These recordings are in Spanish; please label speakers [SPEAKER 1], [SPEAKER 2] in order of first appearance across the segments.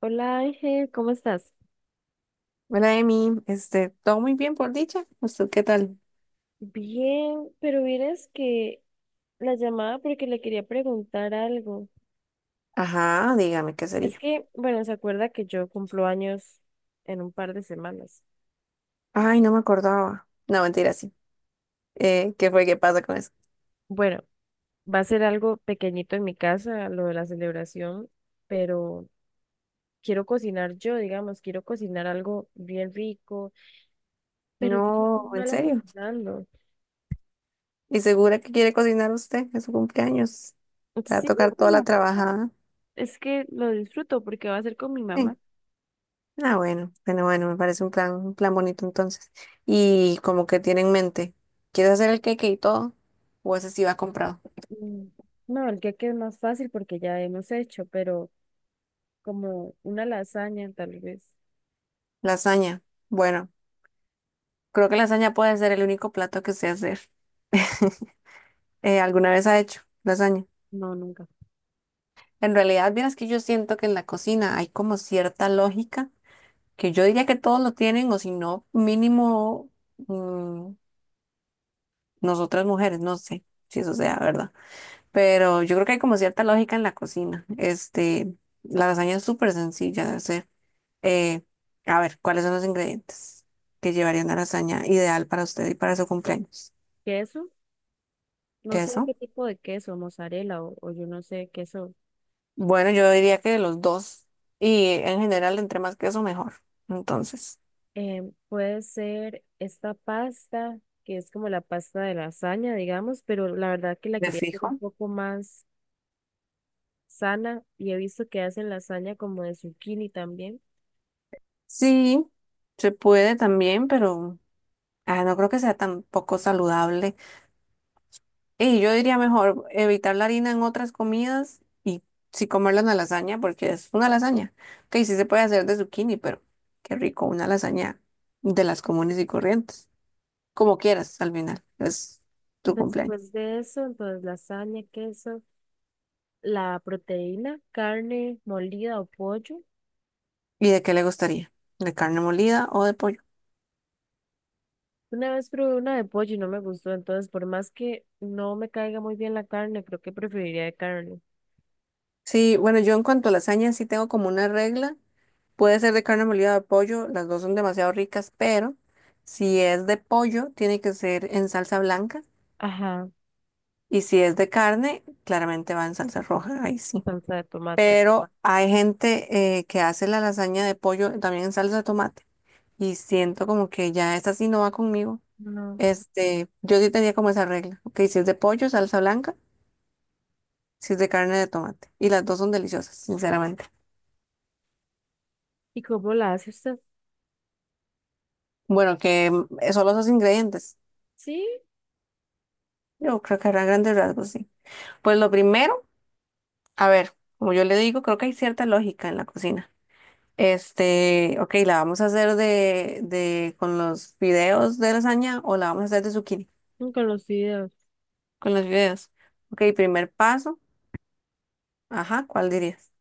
[SPEAKER 1] Hola Ángel, ¿cómo estás?
[SPEAKER 2] Hola, Emi. Todo muy bien por dicha. ¿Usted qué tal?
[SPEAKER 1] Bien, pero vieras que la llamada porque le quería preguntar algo.
[SPEAKER 2] Ajá, dígame qué
[SPEAKER 1] Es
[SPEAKER 2] sería.
[SPEAKER 1] que, bueno, se acuerda que yo cumplo años en un par de semanas.
[SPEAKER 2] Ay, no me acordaba. No, mentira, sí. ¿Qué fue? ¿Qué pasa con eso?
[SPEAKER 1] Bueno, va a ser algo pequeñito en mi casa, lo de la celebración, pero quiero cocinar yo, digamos, quiero cocinar algo bien rico, pero yo soy muy
[SPEAKER 2] No, en
[SPEAKER 1] mala
[SPEAKER 2] serio.
[SPEAKER 1] cocinando.
[SPEAKER 2] ¿Y segura que quiere cocinar usted en su cumpleaños? Te va a
[SPEAKER 1] Sí,
[SPEAKER 2] tocar toda la
[SPEAKER 1] bueno,
[SPEAKER 2] trabajada.
[SPEAKER 1] es que lo disfruto porque va a ser con mi
[SPEAKER 2] Sí.
[SPEAKER 1] mamá.
[SPEAKER 2] Ah, bueno, bueno, bueno, me parece un plan bonito entonces. Y como que tiene en mente, ¿quieres hacer el cake y todo? ¿O ese sí va comprado?
[SPEAKER 1] Mm, No, el que es más fácil porque ya hemos hecho, pero como una lasaña tal vez.
[SPEAKER 2] Lasaña. Bueno, creo que lasaña puede ser el único plato que sé hacer. ¿Alguna vez ha hecho lasaña?
[SPEAKER 1] No, nunca.
[SPEAKER 2] En realidad, vieras que yo siento que en la cocina hay como cierta lógica que yo diría que todos lo tienen o si no, mínimo mm, nosotras mujeres, no sé si eso sea verdad, pero yo creo que hay como cierta lógica en la cocina. La lasaña es súper sencilla de hacer. Eh, a ver, ¿cuáles son los ingredientes que llevaría una lasaña ideal para usted y para su cumpleaños?
[SPEAKER 1] ¿Queso? No sé
[SPEAKER 2] Queso.
[SPEAKER 1] qué tipo de queso, mozzarella o yo no sé, queso.
[SPEAKER 2] Bueno, yo diría que los dos. Y en general, entre más queso, mejor. Entonces,
[SPEAKER 1] Puede ser esta pasta, que es como la pasta de lasaña, digamos, pero la verdad que la
[SPEAKER 2] de
[SPEAKER 1] quería hacer un
[SPEAKER 2] fijo.
[SPEAKER 1] poco más sana y he visto que hacen lasaña como de zucchini también.
[SPEAKER 2] Sí, se puede también, pero ah, no creo que sea tan poco saludable. Y yo diría mejor evitar la harina en otras comidas y sí comerla en la lasaña, porque es una lasaña. Que sí se puede hacer de zucchini, pero qué rico, una lasaña de las comunes y corrientes. Como quieras, al final, es tu cumpleaños.
[SPEAKER 1] Después de eso, entonces lasaña, queso, la proteína, carne molida o pollo.
[SPEAKER 2] ¿Y de qué le gustaría? ¿De carne molida o de pollo?
[SPEAKER 1] Una vez probé una de pollo y no me gustó, entonces por más que no me caiga muy bien la carne, creo que preferiría de carne.
[SPEAKER 2] Sí, bueno, yo en cuanto a lasaña sí tengo como una regla. Puede ser de carne molida o de pollo, las dos son demasiado ricas, pero si es de pollo, tiene que ser en salsa blanca.
[SPEAKER 1] Ajá,
[SPEAKER 2] Y si es de carne, claramente va en salsa roja, ahí sí.
[SPEAKER 1] salsa de tomate.
[SPEAKER 2] Pero hay gente que hace la lasaña de pollo también en salsa de tomate. Y siento como que ya esta sí no va conmigo.
[SPEAKER 1] No.
[SPEAKER 2] Yo sí tenía como esa regla. Ok, si es de pollo, salsa blanca, si es de carne, de tomate. Y las dos son deliciosas, sinceramente.
[SPEAKER 1] ¿Y cómo la hace usted?
[SPEAKER 2] Bueno, que solo esos ingredientes.
[SPEAKER 1] Sí,
[SPEAKER 2] Yo creo que habrá grandes rasgos, sí. Pues lo primero, a ver, como yo le digo, creo que hay cierta lógica en la cocina. Ok, ¿la vamos a hacer de, con los fideos de lasaña o la vamos a hacer de zucchini?
[SPEAKER 1] nunca los sé
[SPEAKER 2] Con los fideos. Ok, primer paso. Ajá, ¿cuál dirías?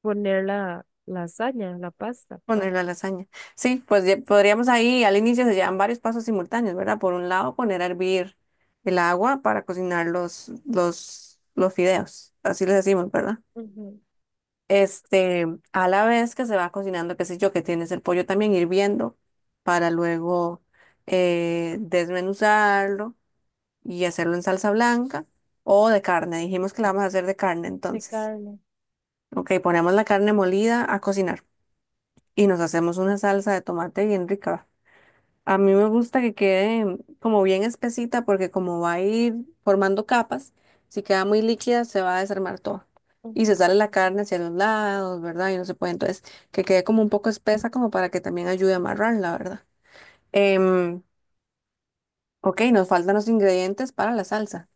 [SPEAKER 1] poner la lasaña, la pasta.
[SPEAKER 2] Poner la lasaña. Sí, pues ya podríamos ahí, al inicio se llevan varios pasos simultáneos, ¿verdad? Por un lado, poner a hervir el agua para cocinar los, los fideos. Así les decimos, ¿verdad?
[SPEAKER 1] Ujú.
[SPEAKER 2] Este, a la vez que se va cocinando, qué sé yo, que tienes el pollo también hirviendo para luego desmenuzarlo y hacerlo en salsa blanca o de carne. Dijimos que la vamos a hacer de carne
[SPEAKER 1] De
[SPEAKER 2] entonces.
[SPEAKER 1] carne.
[SPEAKER 2] Ok, ponemos la carne molida a cocinar y nos hacemos una salsa de tomate bien rica. A mí me gusta que quede como bien espesita porque como va a ir formando capas, si queda muy líquida se va a desarmar todo. Y se
[SPEAKER 1] Ujú.
[SPEAKER 2] sale la carne hacia los lados, ¿verdad? Y no se puede. Entonces, que quede como un poco espesa como para que también ayude a amarrar, la ¿verdad? Em, ok, nos faltan los ingredientes para la salsa.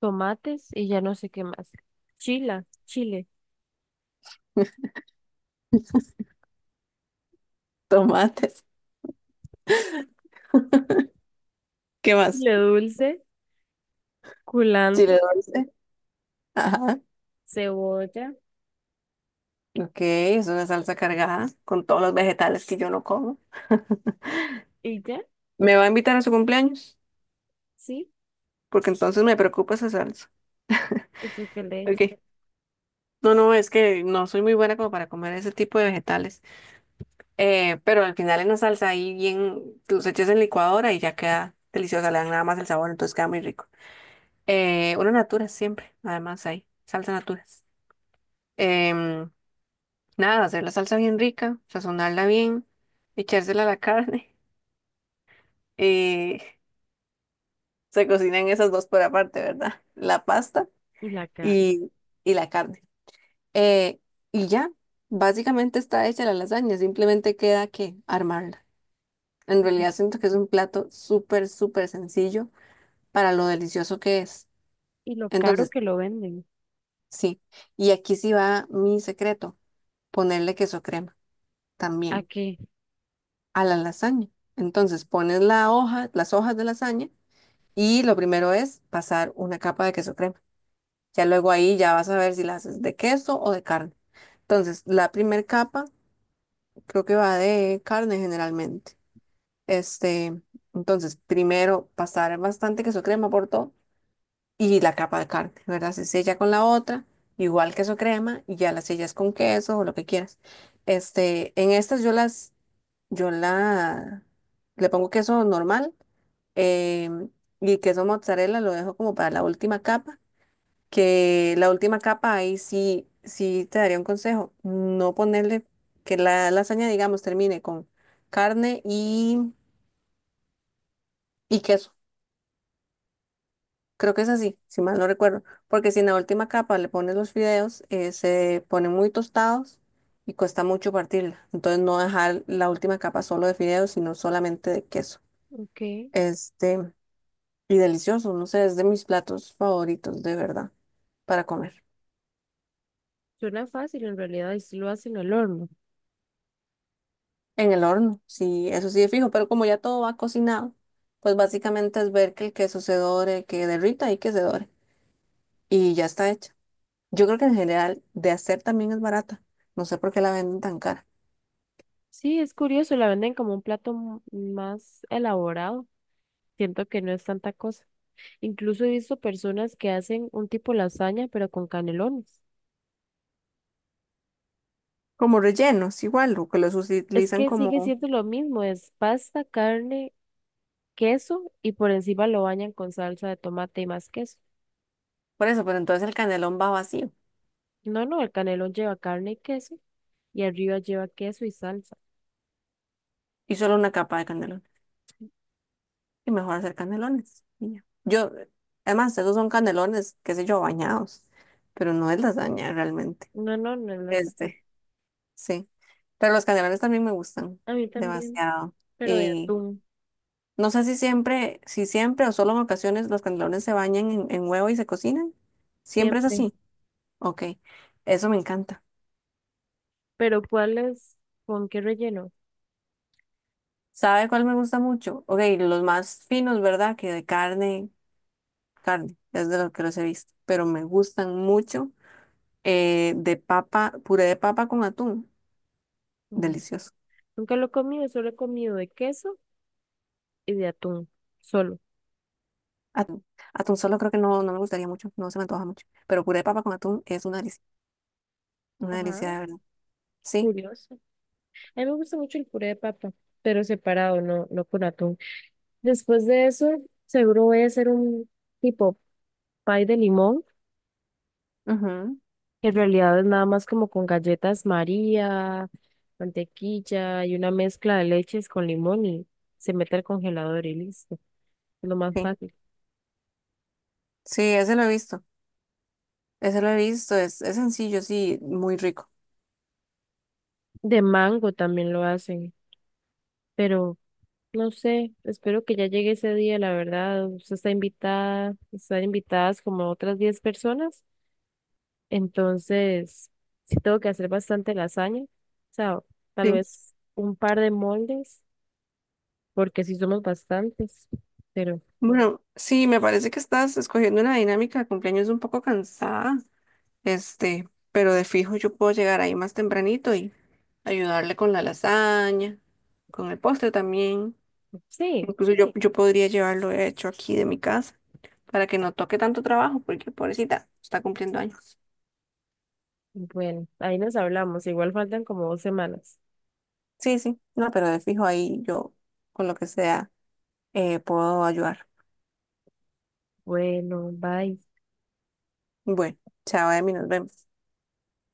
[SPEAKER 1] Tomates y ya no sé qué más. Chila, chile.
[SPEAKER 2] Tomates. ¿Qué más?
[SPEAKER 1] Le dulce, culantro,
[SPEAKER 2] Chile dulce. Ajá.
[SPEAKER 1] cebolla
[SPEAKER 2] Ok, es una salsa cargada con todos los vegetales que yo no como.
[SPEAKER 1] y ya,
[SPEAKER 2] ¿Me va a invitar a su cumpleaños?
[SPEAKER 1] sí,
[SPEAKER 2] Porque entonces me preocupa esa salsa.
[SPEAKER 1] eso que le echa.
[SPEAKER 2] Ok. No, no, es que no soy muy buena como para comer ese tipo de vegetales. Pero al final en la salsa ahí bien, los echas en licuadora y ya queda deliciosa, le dan nada más el sabor, entonces queda muy rico. Una natura siempre, además hay salsa naturas. Em, Nada, hacer la salsa bien rica, sazonarla bien, echársela a la carne. eh, Se cocinan esas dos por aparte, ¿verdad? La pasta
[SPEAKER 1] Y la carne.
[SPEAKER 2] y, y la carne. Eh, y ya, básicamente está hecha la lasaña, simplemente queda que armarla. En
[SPEAKER 1] Y
[SPEAKER 2] realidad siento que es un plato súper, súper sencillo para lo delicioso que es.
[SPEAKER 1] y lo caro
[SPEAKER 2] Entonces,
[SPEAKER 1] que lo venden.
[SPEAKER 2] sí, y aquí sí va mi secreto, ponerle queso crema
[SPEAKER 1] ¿A
[SPEAKER 2] también
[SPEAKER 1] qué?
[SPEAKER 2] a la lasaña. Entonces, pones la hoja, las hojas de lasaña y lo primero es pasar una capa de queso crema. Ya luego ahí ya vas a ver si la haces de queso o de carne. Entonces, la primera capa creo que va de carne generalmente. Este, entonces, primero pasar bastante queso crema por todo y la capa de carne, ¿verdad? Se sella con la otra, igual queso crema, y ya la sellas con queso o lo que quieras. En estas yo la, le pongo queso normal em, y queso mozzarella lo dejo como para la última capa, que la última capa ahí sí, sí te daría un consejo, no ponerle que la lasaña, digamos, termine con carne y queso. Creo que es así, si mal no recuerdo, porque si en la última capa le pones los fideos, se ponen muy tostados y cuesta mucho partirla. Entonces no dejar la última capa solo de fideos, sino solamente de queso.
[SPEAKER 1] Ok,
[SPEAKER 2] Este, y delicioso, no sé, es de mis platos favoritos, de verdad, para comer.
[SPEAKER 1] suena fácil, en realidad y sí lo hacen al horno.
[SPEAKER 2] En el horno, sí, eso sí es fijo, pero como ya todo va cocinado, pues básicamente es ver que el queso se dore, que derrita y que se dore. Y ya está hecha. Yo creo que en general de hacer también es barata. No sé por qué la venden tan cara.
[SPEAKER 1] Sí, es curioso, la venden como un plato m- más elaborado. Siento que no es tanta cosa. Incluso he visto personas que hacen un tipo lasaña, pero con canelones.
[SPEAKER 2] Como rellenos, igual, o que los
[SPEAKER 1] Es
[SPEAKER 2] utilizan
[SPEAKER 1] que sigue
[SPEAKER 2] como...
[SPEAKER 1] siendo lo mismo, es pasta, carne, queso y por encima lo bañan con salsa de tomate y más queso.
[SPEAKER 2] Por eso, pero entonces el canelón va vacío
[SPEAKER 1] No, no, el canelón lleva carne y queso y arriba lleva queso y salsa.
[SPEAKER 2] y solo una capa de canelón. Y mejor hacer canelones. Y ya. Yo, además, esos son canelones, qué sé yo, bañados, pero no es lasaña realmente.
[SPEAKER 1] No, no, no es lasaña.
[SPEAKER 2] Este, sí. Pero los canelones también me gustan
[SPEAKER 1] A mí también,
[SPEAKER 2] demasiado.
[SPEAKER 1] pero de
[SPEAKER 2] Y
[SPEAKER 1] atún,
[SPEAKER 2] no sé si siempre, o solo en ocasiones los canelones se bañan en, huevo y se cocinan. Siempre es
[SPEAKER 1] siempre.
[SPEAKER 2] así. Ok, eso me encanta.
[SPEAKER 1] Pero ¿cuál es? ¿Con qué relleno?
[SPEAKER 2] ¿Sabe cuál me gusta mucho? Ok, los más finos, ¿verdad? Que de carne, es de los que los he visto, pero me gustan mucho de papa, puré de papa con atún,
[SPEAKER 1] Ujú.
[SPEAKER 2] delicioso.
[SPEAKER 1] Nunca lo he comido, solo he comido de queso y de atún, solo.
[SPEAKER 2] Atún, atún solo creo que no, no me gustaría mucho, no se me antoja mucho, pero puré de papa con atún es una
[SPEAKER 1] Ajá,
[SPEAKER 2] delicia de verdad. Sí,
[SPEAKER 1] curioso. A mí me gusta mucho el puré de papa, pero separado, no, no con atún. Después de eso, seguro voy a hacer un tipo pie de limón,
[SPEAKER 2] ujú,
[SPEAKER 1] que en realidad es nada más como con galletas María, mantequilla y una mezcla de leches con limón y se mete al congelador y listo. Es lo más
[SPEAKER 2] sí,
[SPEAKER 1] fácil.
[SPEAKER 2] sí, ese lo he visto, ese lo he visto, es, sencillo, sí, muy rico.
[SPEAKER 1] De mango también lo hacen, pero no sé, espero que ya llegue ese día, la verdad. Usted está invitada, están invitadas como otras 10 personas. Entonces, sí tengo que hacer bastante lasaña. O sea, tal
[SPEAKER 2] Sí.
[SPEAKER 1] vez un par de moldes, porque sí somos bastantes. Pero
[SPEAKER 2] Bueno, sí, me parece que estás escogiendo una dinámica de cumpleaños un poco cansada. Pero de fijo yo puedo llegar ahí más tempranito y ayudarle con la lasaña, con el postre también.
[SPEAKER 1] sí,
[SPEAKER 2] Incluso yo, podría llevarlo hecho aquí de mi casa para que no toque tanto trabajo, porque pobrecita, está cumpliendo años.
[SPEAKER 1] bueno, ahí nos hablamos. Igual faltan como 2 semanas.
[SPEAKER 2] Sí, sí, no, pero de fijo ahí yo con lo que sea puedo ayudar.
[SPEAKER 1] Bueno, bye.
[SPEAKER 2] Bueno, chao, Emi, nos vemos.